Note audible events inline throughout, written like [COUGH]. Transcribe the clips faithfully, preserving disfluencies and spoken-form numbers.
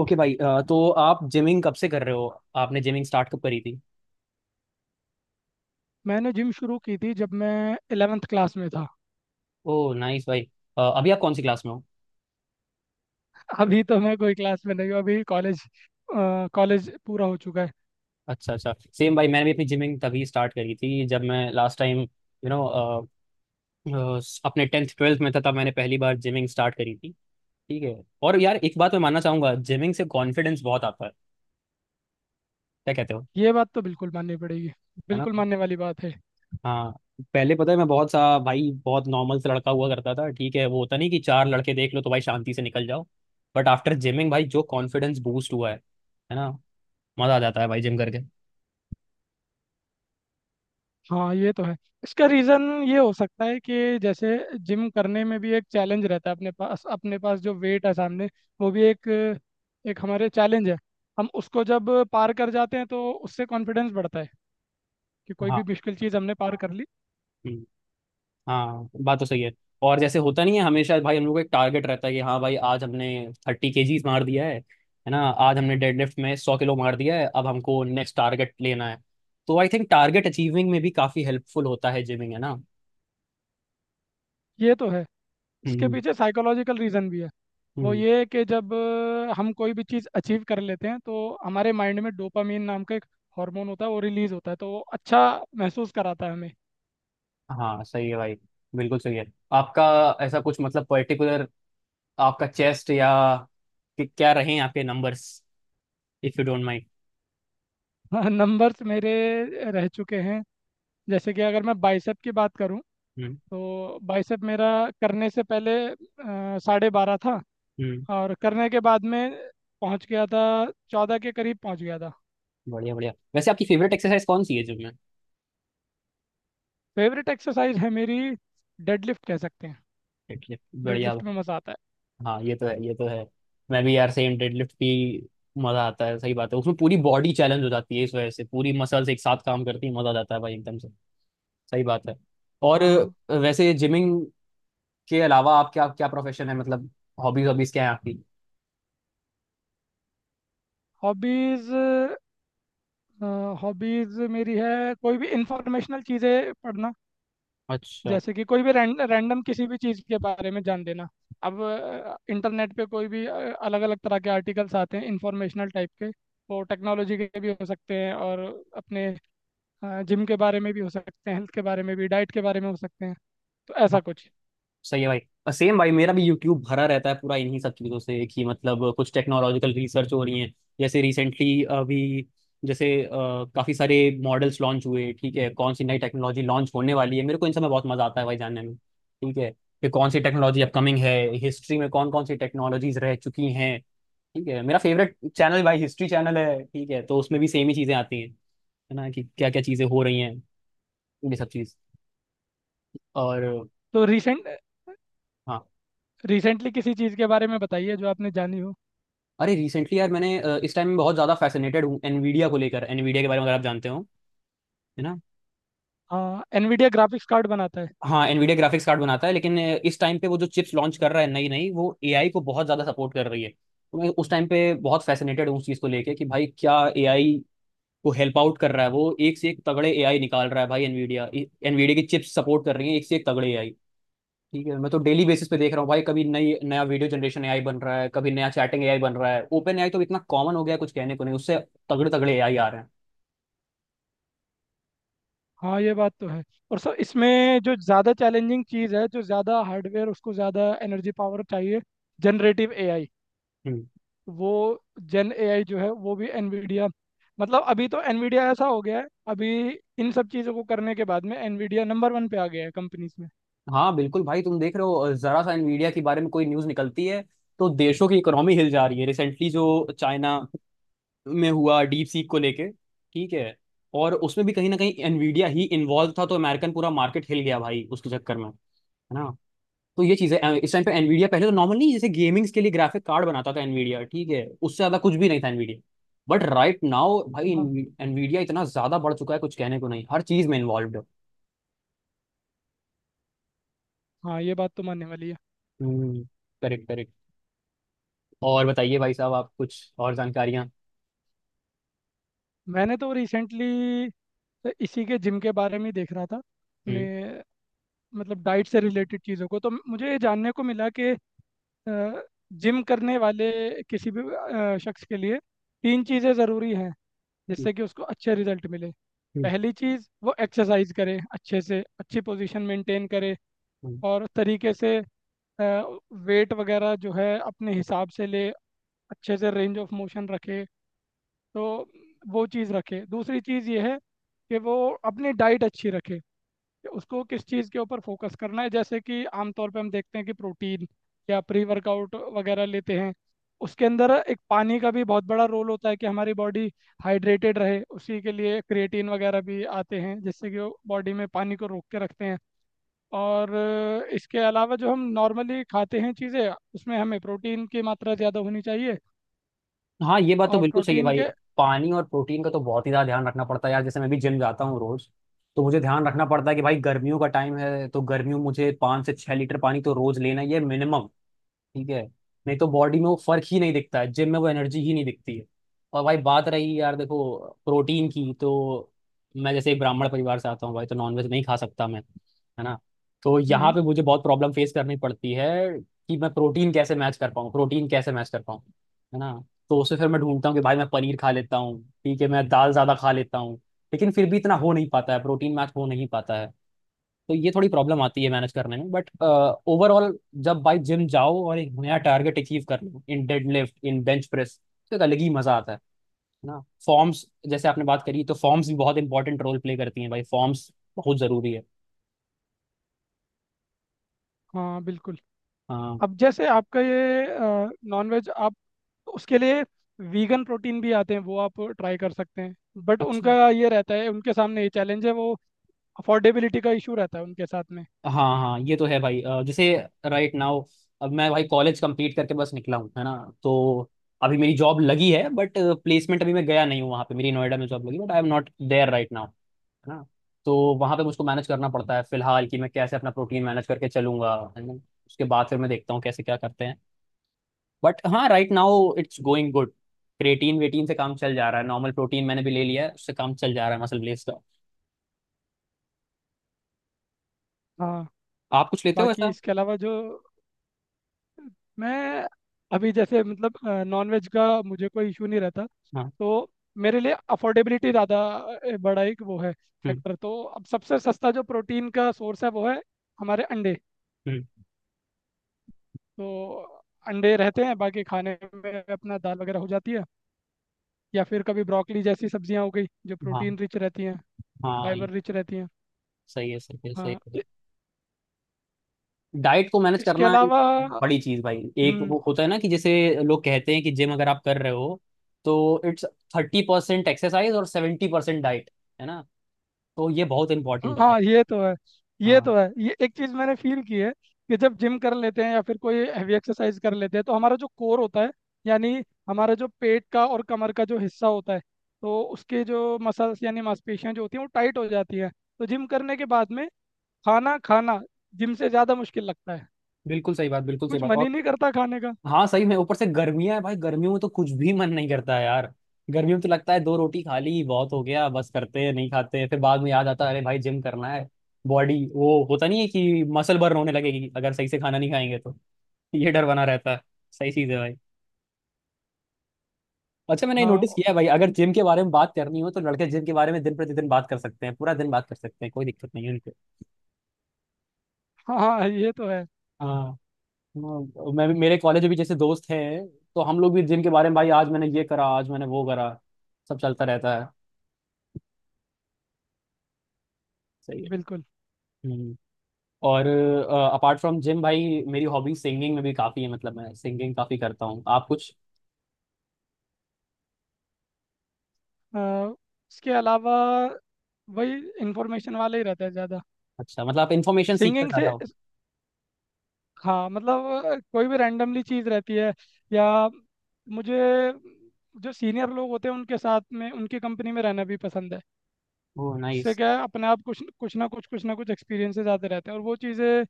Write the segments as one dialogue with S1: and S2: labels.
S1: Okay भाई, अ, तो आप जिमिंग कब से कर रहे हो। आपने जिमिंग स्टार्ट कब करी थी।
S2: मैंने जिम शुरू की थी जब मैं ग्यारहवीं क्लास में था।
S1: ओ नाइस भाई। अ, अभी आप कौन सी क्लास में हो।
S2: अभी तो मैं कोई क्लास में नहीं हूँ, अभी कॉलेज कॉलेज पूरा हो चुका है।
S1: अच्छा अच्छा। सेम भाई, मैंने भी अपनी जिमिंग तभी स्टार्ट करी थी जब मैं लास्ट टाइम, यू नो अपने टेंथ ट्वेल्थ में था तब मैंने पहली बार जिमिंग स्टार्ट करी थी। ठीक है। और यार एक बात मैं मानना चाहूंगा, जिमिंग से कॉन्फिडेंस बहुत आता है, क्या कहते हो।
S2: ये बात तो बिल्कुल माननी पड़ेगी,
S1: है ना।
S2: बिल्कुल मानने वाली बात है।
S1: हाँ। पहले पता है, मैं बहुत सा भाई बहुत नॉर्मल से लड़का हुआ करता था। ठीक है, वो होता नहीं कि चार लड़के देख लो तो भाई शांति से निकल जाओ। बट आफ्टर जिमिंग भाई जो कॉन्फिडेंस बूस्ट हुआ है है ना, मजा आ जाता है भाई जिम करके।
S2: हाँ, ये तो है। इसका रीज़न ये हो सकता है कि जैसे जिम करने में भी एक चैलेंज रहता है। अपने पास अपने पास जो वेट है सामने, वो भी एक एक हमारे चैलेंज है। हम उसको जब पार कर जाते हैं तो उससे कॉन्फिडेंस बढ़ता है कि कोई
S1: हाँ।
S2: भी मुश्किल चीज़ हमने पार कर ली।
S1: हम्म। हाँ, बात तो सही है। और जैसे होता नहीं है, हमेशा भाई हम लोग को एक टारगेट रहता है कि हाँ भाई आज हमने थर्टी केजीज मार दिया है है ना, आज हमने डेडलिफ्ट में सौ किलो मार दिया है, अब हमको नेक्स्ट टारगेट लेना है। तो आई थिंक टारगेट अचीविंग में भी काफी हेल्पफुल होता है जिमिंग, है ना।
S2: ये तो है, इसके
S1: हम्म।
S2: पीछे साइकोलॉजिकल रीज़न भी है। वो
S1: हम्म।
S2: ये है कि जब अ, हम कोई भी चीज़ अचीव कर लेते हैं तो हमारे माइंड में डोपामीन नाम का एक हार्मोन होता है, वो रिलीज़ होता है, तो वो अच्छा महसूस कराता है हमें।
S1: हाँ सही है भाई, बिल्कुल सही है। आपका ऐसा कुछ मतलब पर्टिकुलर, आपका चेस्ट, या कि क्या रहे आपके numbers, if you don't mind.
S2: [LAUGHS] Numbers मेरे रह चुके हैं जैसे कि अगर मैं बाइसेप की बात करूं,
S1: हम्म।
S2: तो बाइसेप मेरा करने से पहले अ, साढ़े बारह था
S1: हम्म।
S2: और करने के बाद में पहुंच गया था, चौदह के करीब पहुंच गया था।
S1: बढ़िया बढ़िया। वैसे आपकी फेवरेट एक्सरसाइज कौन सी है जिम में।
S2: फेवरेट एक्सरसाइज है मेरी, डेडलिफ्ट कह सकते हैं।
S1: डेडलिफ्ट, बढ़िया।
S2: डेडलिफ्ट में मज़ा आता है।
S1: हाँ ये तो है, ये तो है। मैं भी यार सेम, डेडलिफ्ट भी मजा आता है, सही बात है। उसमें पूरी बॉडी चैलेंज हो जाती है, इस वजह से पूरी मसल्स एक साथ काम करती है, मजा आ जाता है भाई एकदम से। सही बात है। और
S2: हाँ।
S1: वैसे जिमिंग के अलावा आप क्या क्या प्रोफेशन है मतलब, हॉबीज, हॉबीज क्या है आपकी।
S2: हॉबीज, हॉबीज मेरी है कोई भी इंफॉर्मेशनल चीज़ें पढ़ना।
S1: अच्छा।
S2: जैसे कि कोई भी रैंडम किसी भी चीज़ के बारे में जान लेना। अब इंटरनेट पे कोई भी अलग अलग तरह के आर्टिकल्स आते हैं इंफॉर्मेशनल टाइप के। वो टेक्नोलॉजी के भी हो सकते हैं और अपने जिम के बारे में भी हो सकते हैं, हेल्थ के बारे में भी, डाइट के बारे में हो सकते हैं। तो ऐसा कुछ।
S1: सही है भाई। और सेम भाई मेरा भी यूट्यूब भरा रहता है पूरा इन्हीं सब चीज़ों से, कि मतलब कुछ टेक्नोलॉजिकल रिसर्च हो रही है। जैसे रिसेंटली अभी जैसे अ, काफी सारे मॉडल्स लॉन्च हुए। ठीक है, कौन सी नई टेक्नोलॉजी लॉन्च होने वाली है, मेरे को इन सब में बहुत मजा आता है भाई जानने में। ठीक है, कि कौन सी टेक्नोलॉजी अपकमिंग है, हिस्ट्री में कौन कौन सी टेक्नोलॉजीज रह चुकी हैं। ठीक है, मेरा फेवरेट चैनल भाई हिस्ट्री चैनल है, ठीक है, तो उसमें भी सेम ही चीज़ें आती हैं, है ना, कि क्या क्या चीज़ें हो रही हैं, ये सब चीज़। और
S2: तो रिसेंट
S1: हाँ,
S2: रिसेंटली किसी चीज़ के बारे में बताइए जो आपने जानी हो।
S1: अरे रिसेंटली यार मैंने अ, इस टाइम में बहुत ज़्यादा फैसिनेटेड हूँ एनवीडिया को लेकर, एनवीडिया के बारे में अगर आप जानते हो, है ना।
S2: हाँ, एनवीडिया ग्राफिक्स कार्ड बनाता है।
S1: हाँ, एनवीडिया ग्राफिक्स कार्ड बनाता है लेकिन अ, इस टाइम पे वो जो चिप्स लॉन्च कर रहा है नई नई, वो एआई को बहुत ज़्यादा सपोर्ट कर रही है। तो मैं उस टाइम पे बहुत फैसिनेटेड हूँ उस चीज़ को लेके कि भाई क्या एआई को हेल्प आउट कर रहा है। वो एक से एक तगड़े एआई निकाल रहा है भाई, एनवीडिया, एनवीडिया की चिप्स सपोर्ट कर रही है एक से एक तगड़े एआई। ठीक है, मैं तो डेली बेसिस पे देख रहा हूँ भाई, कभी नई नया वीडियो जनरेशन एआई बन रहा है, कभी नया चैटिंग एआई बन रहा है, ओपन एआई तो इतना कॉमन हो गया है, कुछ कहने को नहीं उससे। तगड़े तगड़े एआई आ रहे हैं।
S2: हाँ ये बात तो है। और सर इसमें जो ज़्यादा चैलेंजिंग चीज़ है, जो ज़्यादा हार्डवेयर उसको ज़्यादा एनर्जी पावर चाहिए, जनरेटिव एआई।
S1: हम्म।
S2: वो जन एआई जो है वो भी एनवीडिया, मतलब अभी तो एनवीडिया ऐसा हो गया है। अभी इन सब चीज़ों को करने के बाद में एनवीडिया नंबर वन पे आ गया है कंपनीज में।
S1: हाँ बिल्कुल भाई, तुम देख रहे हो जरा सा nvidia के बारे में कोई न्यूज निकलती है तो देशों की इकोनॉमी हिल जा रही है। रिसेंटली जो चाइना में हुआ डीप सीक को लेके, ठीक है, और उसमें भी कहीं ना कहीं nvidia ही इन्वॉल्व था, तो अमेरिकन पूरा मार्केट हिल गया भाई उसके चक्कर में, है ना। तो ये चीज है, इस टाइम पे nvidia, पहले तो नॉर्मल नहीं, जैसे गेमिंग्स के लिए ग्राफिक कार्ड बनाता था nvidia, ठीक है, उससे ज्यादा कुछ भी नहीं था nvidia, बट राइट नाउ भाई
S2: हाँ,
S1: nvidia इतना ज्यादा बढ़ चुका है, कुछ कहने को नहीं, हर चीज में इन्वॉल्व है।
S2: हाँ, ये बात तो मानने वाली है।
S1: Correct correct. और बताइए भाई साहब, आप कुछ और जानकारियाँ।
S2: मैंने तो रिसेंटली इसी के जिम के बारे में ही देख रहा था अपने,
S1: हम्म।
S2: मतलब डाइट से रिलेटेड चीज़ों को। तो मुझे ये जानने को मिला कि जिम करने वाले किसी भी अ, शख्स के लिए तीन चीज़ें ज़रूरी हैं
S1: हम्म।
S2: जिससे कि उसको अच्छे रिजल्ट मिले।
S1: हम्म।
S2: पहली चीज़, वो एक्सरसाइज करे अच्छे से, अच्छी पोजीशन मेंटेन करे
S1: हम्म।
S2: और तरीके से वेट वगैरह जो है अपने हिसाब से ले, अच्छे से रेंज ऑफ मोशन रखे। तो वो चीज़ रखे। दूसरी चीज़ ये है कि वो अपनी डाइट अच्छी रखे, कि उसको किस चीज़ के ऊपर फोकस करना है। जैसे कि आमतौर पे हम देखते हैं कि प्रोटीन या प्री वर्कआउट वगैरह लेते हैं, उसके अंदर एक पानी का भी बहुत बड़ा रोल होता है, कि हमारी बॉडी हाइड्रेटेड रहे। उसी के लिए क्रिएटिन वगैरह भी आते हैं, जिससे कि वो बॉडी में पानी को रोक के रखते हैं। और अ, इसके अलावा जो हम नॉर्मली खाते हैं चीज़ें, उसमें हमें प्रोटीन की मात्रा ज़्यादा होनी चाहिए।
S1: हाँ ये बात तो
S2: और
S1: बिल्कुल सही है
S2: प्रोटीन
S1: भाई।
S2: के।
S1: पानी और प्रोटीन का तो बहुत ही ज़्यादा ध्यान रखना पड़ता है यार। जैसे मैं भी जिम जाता हूँ रोज तो मुझे ध्यान रखना पड़ता है कि भाई गर्मियों का टाइम है तो गर्मियों में मुझे पाँच से छः लीटर पानी तो रोज लेना ही है मिनिमम। ठीक है, नहीं तो बॉडी में वो फर्क ही नहीं दिखता है, जिम में वो एनर्जी ही नहीं दिखती है। और भाई बात रही यार, देखो प्रोटीन की, तो मैं जैसे एक ब्राह्मण परिवार से आता हूँ भाई तो नॉनवेज नहीं खा सकता मैं, है ना। तो
S2: हम्म, हम्म,
S1: यहाँ पे मुझे बहुत प्रॉब्लम फेस करनी पड़ती है कि मैं प्रोटीन कैसे मैच कर पाऊँ, प्रोटीन कैसे मैच कर पाऊँ, है ना। तो उससे फिर मैं ढूंढता हूँ कि भाई मैं पनीर खा लेता हूँ, ठीक है, मैं दाल ज़्यादा खा लेता हूँ। लेकिन फिर भी इतना हो नहीं पाता है, प्रोटीन मैच हो नहीं पाता है। तो ये थोड़ी प्रॉब्लम आती है मैनेज करने में, बट ओवरऑल जब भाई जिम जाओ और एक नया टारगेट अचीव कर लो इन डेडलिफ्ट, इन बेंच प्रेस, तो एक अलग ही मजा आता है है ना। फॉर्म्स, जैसे आपने बात करी, तो फॉर्म्स भी बहुत इंपॉर्टेंट रोल प्ले करती हैं भाई, फॉर्म्स बहुत जरूरी है।
S2: हाँ बिल्कुल।
S1: हाँ।
S2: अब जैसे आपका ये नॉनवेज आप, तो उसके लिए वीगन प्रोटीन भी आते हैं, वो आप ट्राई कर सकते हैं। बट
S1: अच्छा।
S2: उनका ये रहता है, उनके सामने ये चैलेंज है वो, अफोर्डेबिलिटी का इशू रहता है उनके साथ में।
S1: हाँ हाँ ये तो है भाई। अ, जैसे राइट नाउ, अब मैं भाई कॉलेज कंप्लीट करके बस निकला हूँ, है ना। तो अभी मेरी जॉब लगी है, बट प्लेसमेंट अभी मैं गया नहीं हूँ वहाँ पे, मेरी नोएडा में जॉब लगी, but I am not there right now, है ना। तो वहां पे मुझको मैनेज करना पड़ता है फिलहाल कि मैं कैसे अपना प्रोटीन मैनेज करके चलूंगा, है ना। उसके बाद फिर मैं देखता हूँ कैसे क्या करते हैं। बट हाँ right now it's going good, creatine वेटिन से काम चल जा रहा है, नॉर्मल प्रोटीन मैंने भी ले लिया है, उससे काम चल जा रहा है मसल ब्लेस का।
S2: हाँ।
S1: आप कुछ लेते हो
S2: बाकी
S1: ऐसा।
S2: इसके अलावा जो मैं, अभी जैसे मतलब नॉनवेज का मुझे कोई इशू नहीं रहता।
S1: हाँ।
S2: तो मेरे लिए अफोर्डेबिलिटी ज़्यादा अ, बड़ा एक वो है
S1: हम्म।
S2: फैक्टर। तो अब सबसे सस्ता जो प्रोटीन का सोर्स है, वो है हमारे अंडे।
S1: हम्म।
S2: तो अंडे रहते हैं, बाकी खाने में अपना दाल वगैरह हो जाती है, या फिर कभी ब्रोकली जैसी सब्जियां हो गई जो
S1: हाँ
S2: प्रोटीन रिच रहती हैं,
S1: हाँ
S2: फाइबर
S1: ये
S2: रिच रहती हैं।
S1: सही है, सही है, सही
S2: हाँ
S1: है।
S2: इ-
S1: डाइट को मैनेज
S2: इसके
S1: करना एक
S2: अलावा।
S1: बड़ी चीज भाई। एक
S2: हम्म।
S1: वो होता है ना कि जैसे लोग कहते हैं कि जिम अगर आप कर रहे हो तो इट्स थर्टी परसेंट एक्सरसाइज और सेवेंटी परसेंट डाइट, है ना, तो ये बहुत इंपॉर्टेंट है भाई।
S2: हाँ, ये तो है, ये
S1: हाँ।
S2: तो है। ये एक चीज़ मैंने फील की है कि जब जिम कर लेते हैं या फिर कोई हैवी एक्सरसाइज कर लेते हैं, तो हमारा जो कोर होता है, यानी हमारा जो पेट का और कमर का जो हिस्सा होता है, तो उसके जो मसल्स यानी मांसपेशियां जो होती हैं वो टाइट हो जाती हैं। तो जिम करने के बाद में खाना खाना जिम से ज़्यादा मुश्किल लगता है,
S1: बिल्कुल सही बात, बिल्कुल सही
S2: कुछ
S1: बात।
S2: मन ही
S1: और
S2: नहीं करता खाने का।
S1: हाँ सही में, ऊपर से गर्मियां है भाई, गर्मियों में तो कुछ भी मन नहीं करता है यार। गर्मियों में तो लगता है दो रोटी खा ली बहुत हो गया, बस करते हैं नहीं खाते हैं, फिर बाद में याद आता है अरे भाई जिम करना है, बॉडी, वो होता नहीं है कि मसल बर्न होने लगेगी अगर सही से खाना नहीं खाएंगे तो। ये डर बना रहता है। सही चीज है भाई। अच्छा मैंने
S2: हाँ,
S1: नोटिस किया है भाई, अगर जिम के बारे में बात करनी हो तो लड़के जिम के बारे में दिन प्रतिदिन बात कर सकते हैं, पूरा दिन बात कर सकते हैं, कोई दिक्कत नहीं है उनको।
S2: हाँ। हाँ ये तो है।
S1: हाँ। हाँ, मैं भी, मेरे कॉलेज में भी जैसे दोस्त हैं तो हम लोग भी जिम के बारे में भाई, आज मैंने ये करा, आज मैंने वो करा, सब चलता रहता है। सही
S2: बिल्कुल।
S1: है। हम्म। और अपार्ट फ्रॉम जिम भाई, मेरी हॉबी सिंगिंग में भी काफ़ी है, मतलब मैं सिंगिंग काफ़ी करता हूँ। आप कुछ।
S2: अ, इसके अलावा वही इंफॉर्मेशन वाला ही रहता है ज़्यादा।
S1: अच्छा, मतलब आप इन्फॉर्मेशन सीख कर
S2: सिंगिंग
S1: जाता
S2: से,
S1: हो।
S2: हाँ, मतलब अ, कोई भी रैंडमली चीज़ रहती है, या मुझे जो सीनियर लोग होते हैं उनके साथ में, उनकी कंपनी में रहना भी पसंद है।
S1: ओह
S2: उससे
S1: नाइस।
S2: क्या है, अपने आप कुछ कुछ ना कुछ कुछ ना कुछ एक्सपीरियंसेस आते रहते हैं, और वो चीज़ें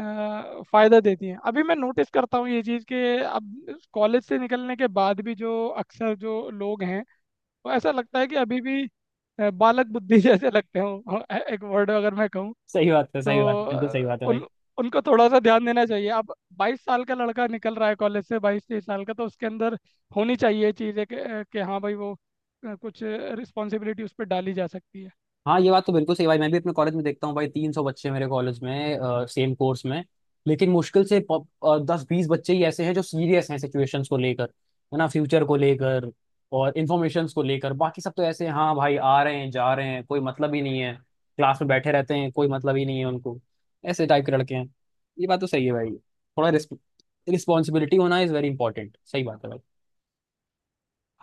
S2: फ़ायदा देती हैं। अभी मैं नोटिस करता हूँ ये चीज़, कि अब कॉलेज से निकलने के बाद भी जो अक्सर जो लोग हैं, तो ऐसा लगता है कि अभी भी अ, बालक बुद्धि [LAUGHS] जैसे लगते हो, अ, एक वर्ड अगर मैं कहूँ।
S1: सही बात है, सही बात
S2: तो
S1: है, बिल्कुल सही
S2: अ,
S1: बात है भाई।
S2: उन उनको थोड़ा सा ध्यान देना चाहिए अब। बाईस साल का लड़का निकल रहा है कॉलेज से, बाईस तेईस साल का, तो उसके अंदर होनी चाहिए चीज़ें कि, अ, कि हाँ भाई वो अ, कुछ रिस्पॉन्सिबिलिटी उस पर डाली जा सकती है।
S1: हाँ ये बात तो बिल्कुल सही भाई। मैं भी अपने कॉलेज में देखता हूँ भाई, तीन सौ बच्चे मेरे कॉलेज में सेम कोर्स में, लेकिन मुश्किल से पो- अ, दस बीस बच्चे ही ऐसे हैं जो सीरियस हैं सिचुएशंस को लेकर, है ना, फ्यूचर को लेकर, और इन्फॉर्मेशंस को लेकर। बाकी सब तो ऐसे हैं, हाँ भाई आ रहे हैं जा रहे हैं, कोई मतलब ही नहीं है, क्लास में बैठे रहते हैं, कोई मतलब ही नहीं है उनको, ऐसे टाइप के लड़के हैं। ये बात तो सही है भाई, थोड़ा रिस्पॉन्सिबिलिटी होना इज वेरी इंपॉर्टेंट, सही बात है भाई।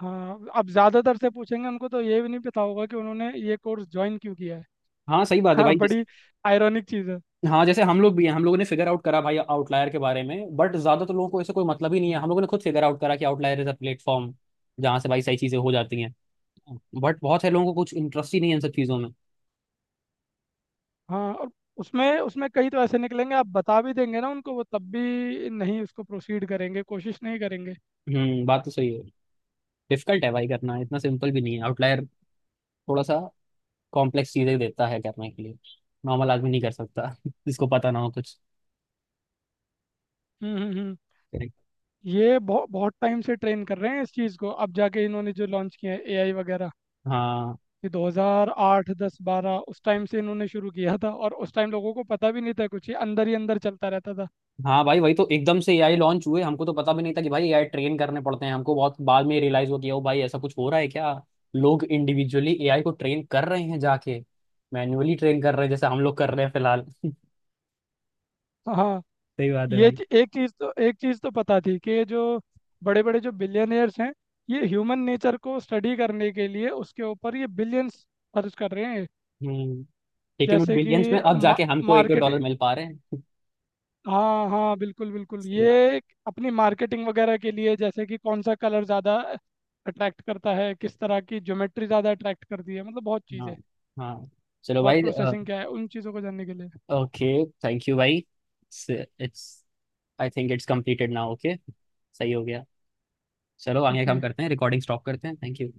S2: हाँ अब ज़्यादातर से पूछेंगे उनको तो ये भी नहीं पता होगा कि उन्होंने ये कोर्स ज्वाइन क्यों किया है।
S1: हाँ सही बात है
S2: हाँ,
S1: भाई।
S2: बड़ी आयरॉनिक चीज़ है।
S1: हाँ, जैसे हम लोग भी हैं, हम लोगों ने फिगर आउट करा भाई आउटलायर के बारे में, बट ज्यादातर लोगों को ऐसे कोई मतलब ही नहीं है। हम लोगों ने खुद फिगर आउट करा कि आउटलायर इज अ प्लेटफॉर्म जहाँ से भाई सही चीजें हो जाती हैं, बट बहुत से लोगों को कुछ इंटरेस्ट ही नहीं है इन सब चीजों में।
S2: हाँ। और उसमें उसमें कई तो ऐसे निकलेंगे, आप बता भी देंगे ना उनको, वो तब भी नहीं उसको प्रोसीड करेंगे, कोशिश नहीं करेंगे।
S1: हम्म, बात तो सही है। डिफिकल्ट है भाई करना, इतना सिंपल भी नहीं है आउटलायर, थोड़ा सा कॉम्प्लेक्स चीजें देता है करने के लिए, नॉर्मल आदमी नहीं कर सकता [LAUGHS] जिसको पता ना हो कुछ।
S2: हम्म हम्म हम्म। ये बहुत बहुत टाइम से ट्रेन कर रहे हैं इस चीज़ को, अब जाके इन्होंने जो लॉन्च किया है एआई वगैरह।
S1: हाँ।
S2: ये दो हज़ार आठ दस बारह उस टाइम से इन्होंने शुरू किया था, और उस टाइम लोगों को पता भी नहीं था कुछ, ये अंदर ही अंदर चलता रहता था।
S1: हाँ भाई वही तो, एकदम से एआई लॉन्च हुए, हमको तो पता भी नहीं था कि भाई एआई ट्रेन करने पड़ते हैं। हमको बहुत बाद में रियलाइज हुआ कि ओ भाई ऐसा कुछ हो रहा है क्या, लोग इंडिविजुअली एआई को ट्रेन कर रहे हैं जाके, मैन्युअली ट्रेन कर रहे हैं, जैसे हम लोग कर रहे हैं फिलहाल [LAUGHS]
S2: हाँ,
S1: सही बात है
S2: ये
S1: भाई।
S2: च- एक चीज़ तो एक चीज़ तो पता थी कि ये जो बड़े बड़े जो बिलियनियर्स हैं, ये ह्यूमन नेचर को स्टडी करने के लिए उसके ऊपर ये बिलियंस खर्च कर रहे हैं।
S1: हम्म। लेकिन उन
S2: जैसे कि
S1: बिलियंस में अब
S2: मा,
S1: जाके हमको एक दो
S2: मार्केट,
S1: डॉलर मिल पा रहे हैं [LAUGHS]
S2: हाँ हाँ बिल्कुल बिल्कुल,
S1: सही
S2: ये
S1: बात।
S2: एक अपनी मार्केटिंग वगैरह के लिए, जैसे कि कौन सा कलर ज़्यादा अट्रैक्ट करता है, किस तरह की ज्योमेट्री ज़्यादा अट्रैक्ट करती है, मतलब बहुत
S1: हाँ
S2: चीज़ें,
S1: हाँ। चलो
S2: थॉट
S1: भाई।
S2: प्रोसेसिंग क्या है, उन चीज़ों को जानने के लिए।
S1: ओके, थैंक यू भाई। It's, I think it's completed now, okay, सही हो गया। चलो आगे
S2: ओके।
S1: काम करते हैं, रिकॉर्डिंग स्टॉप करते हैं, थैंक यू।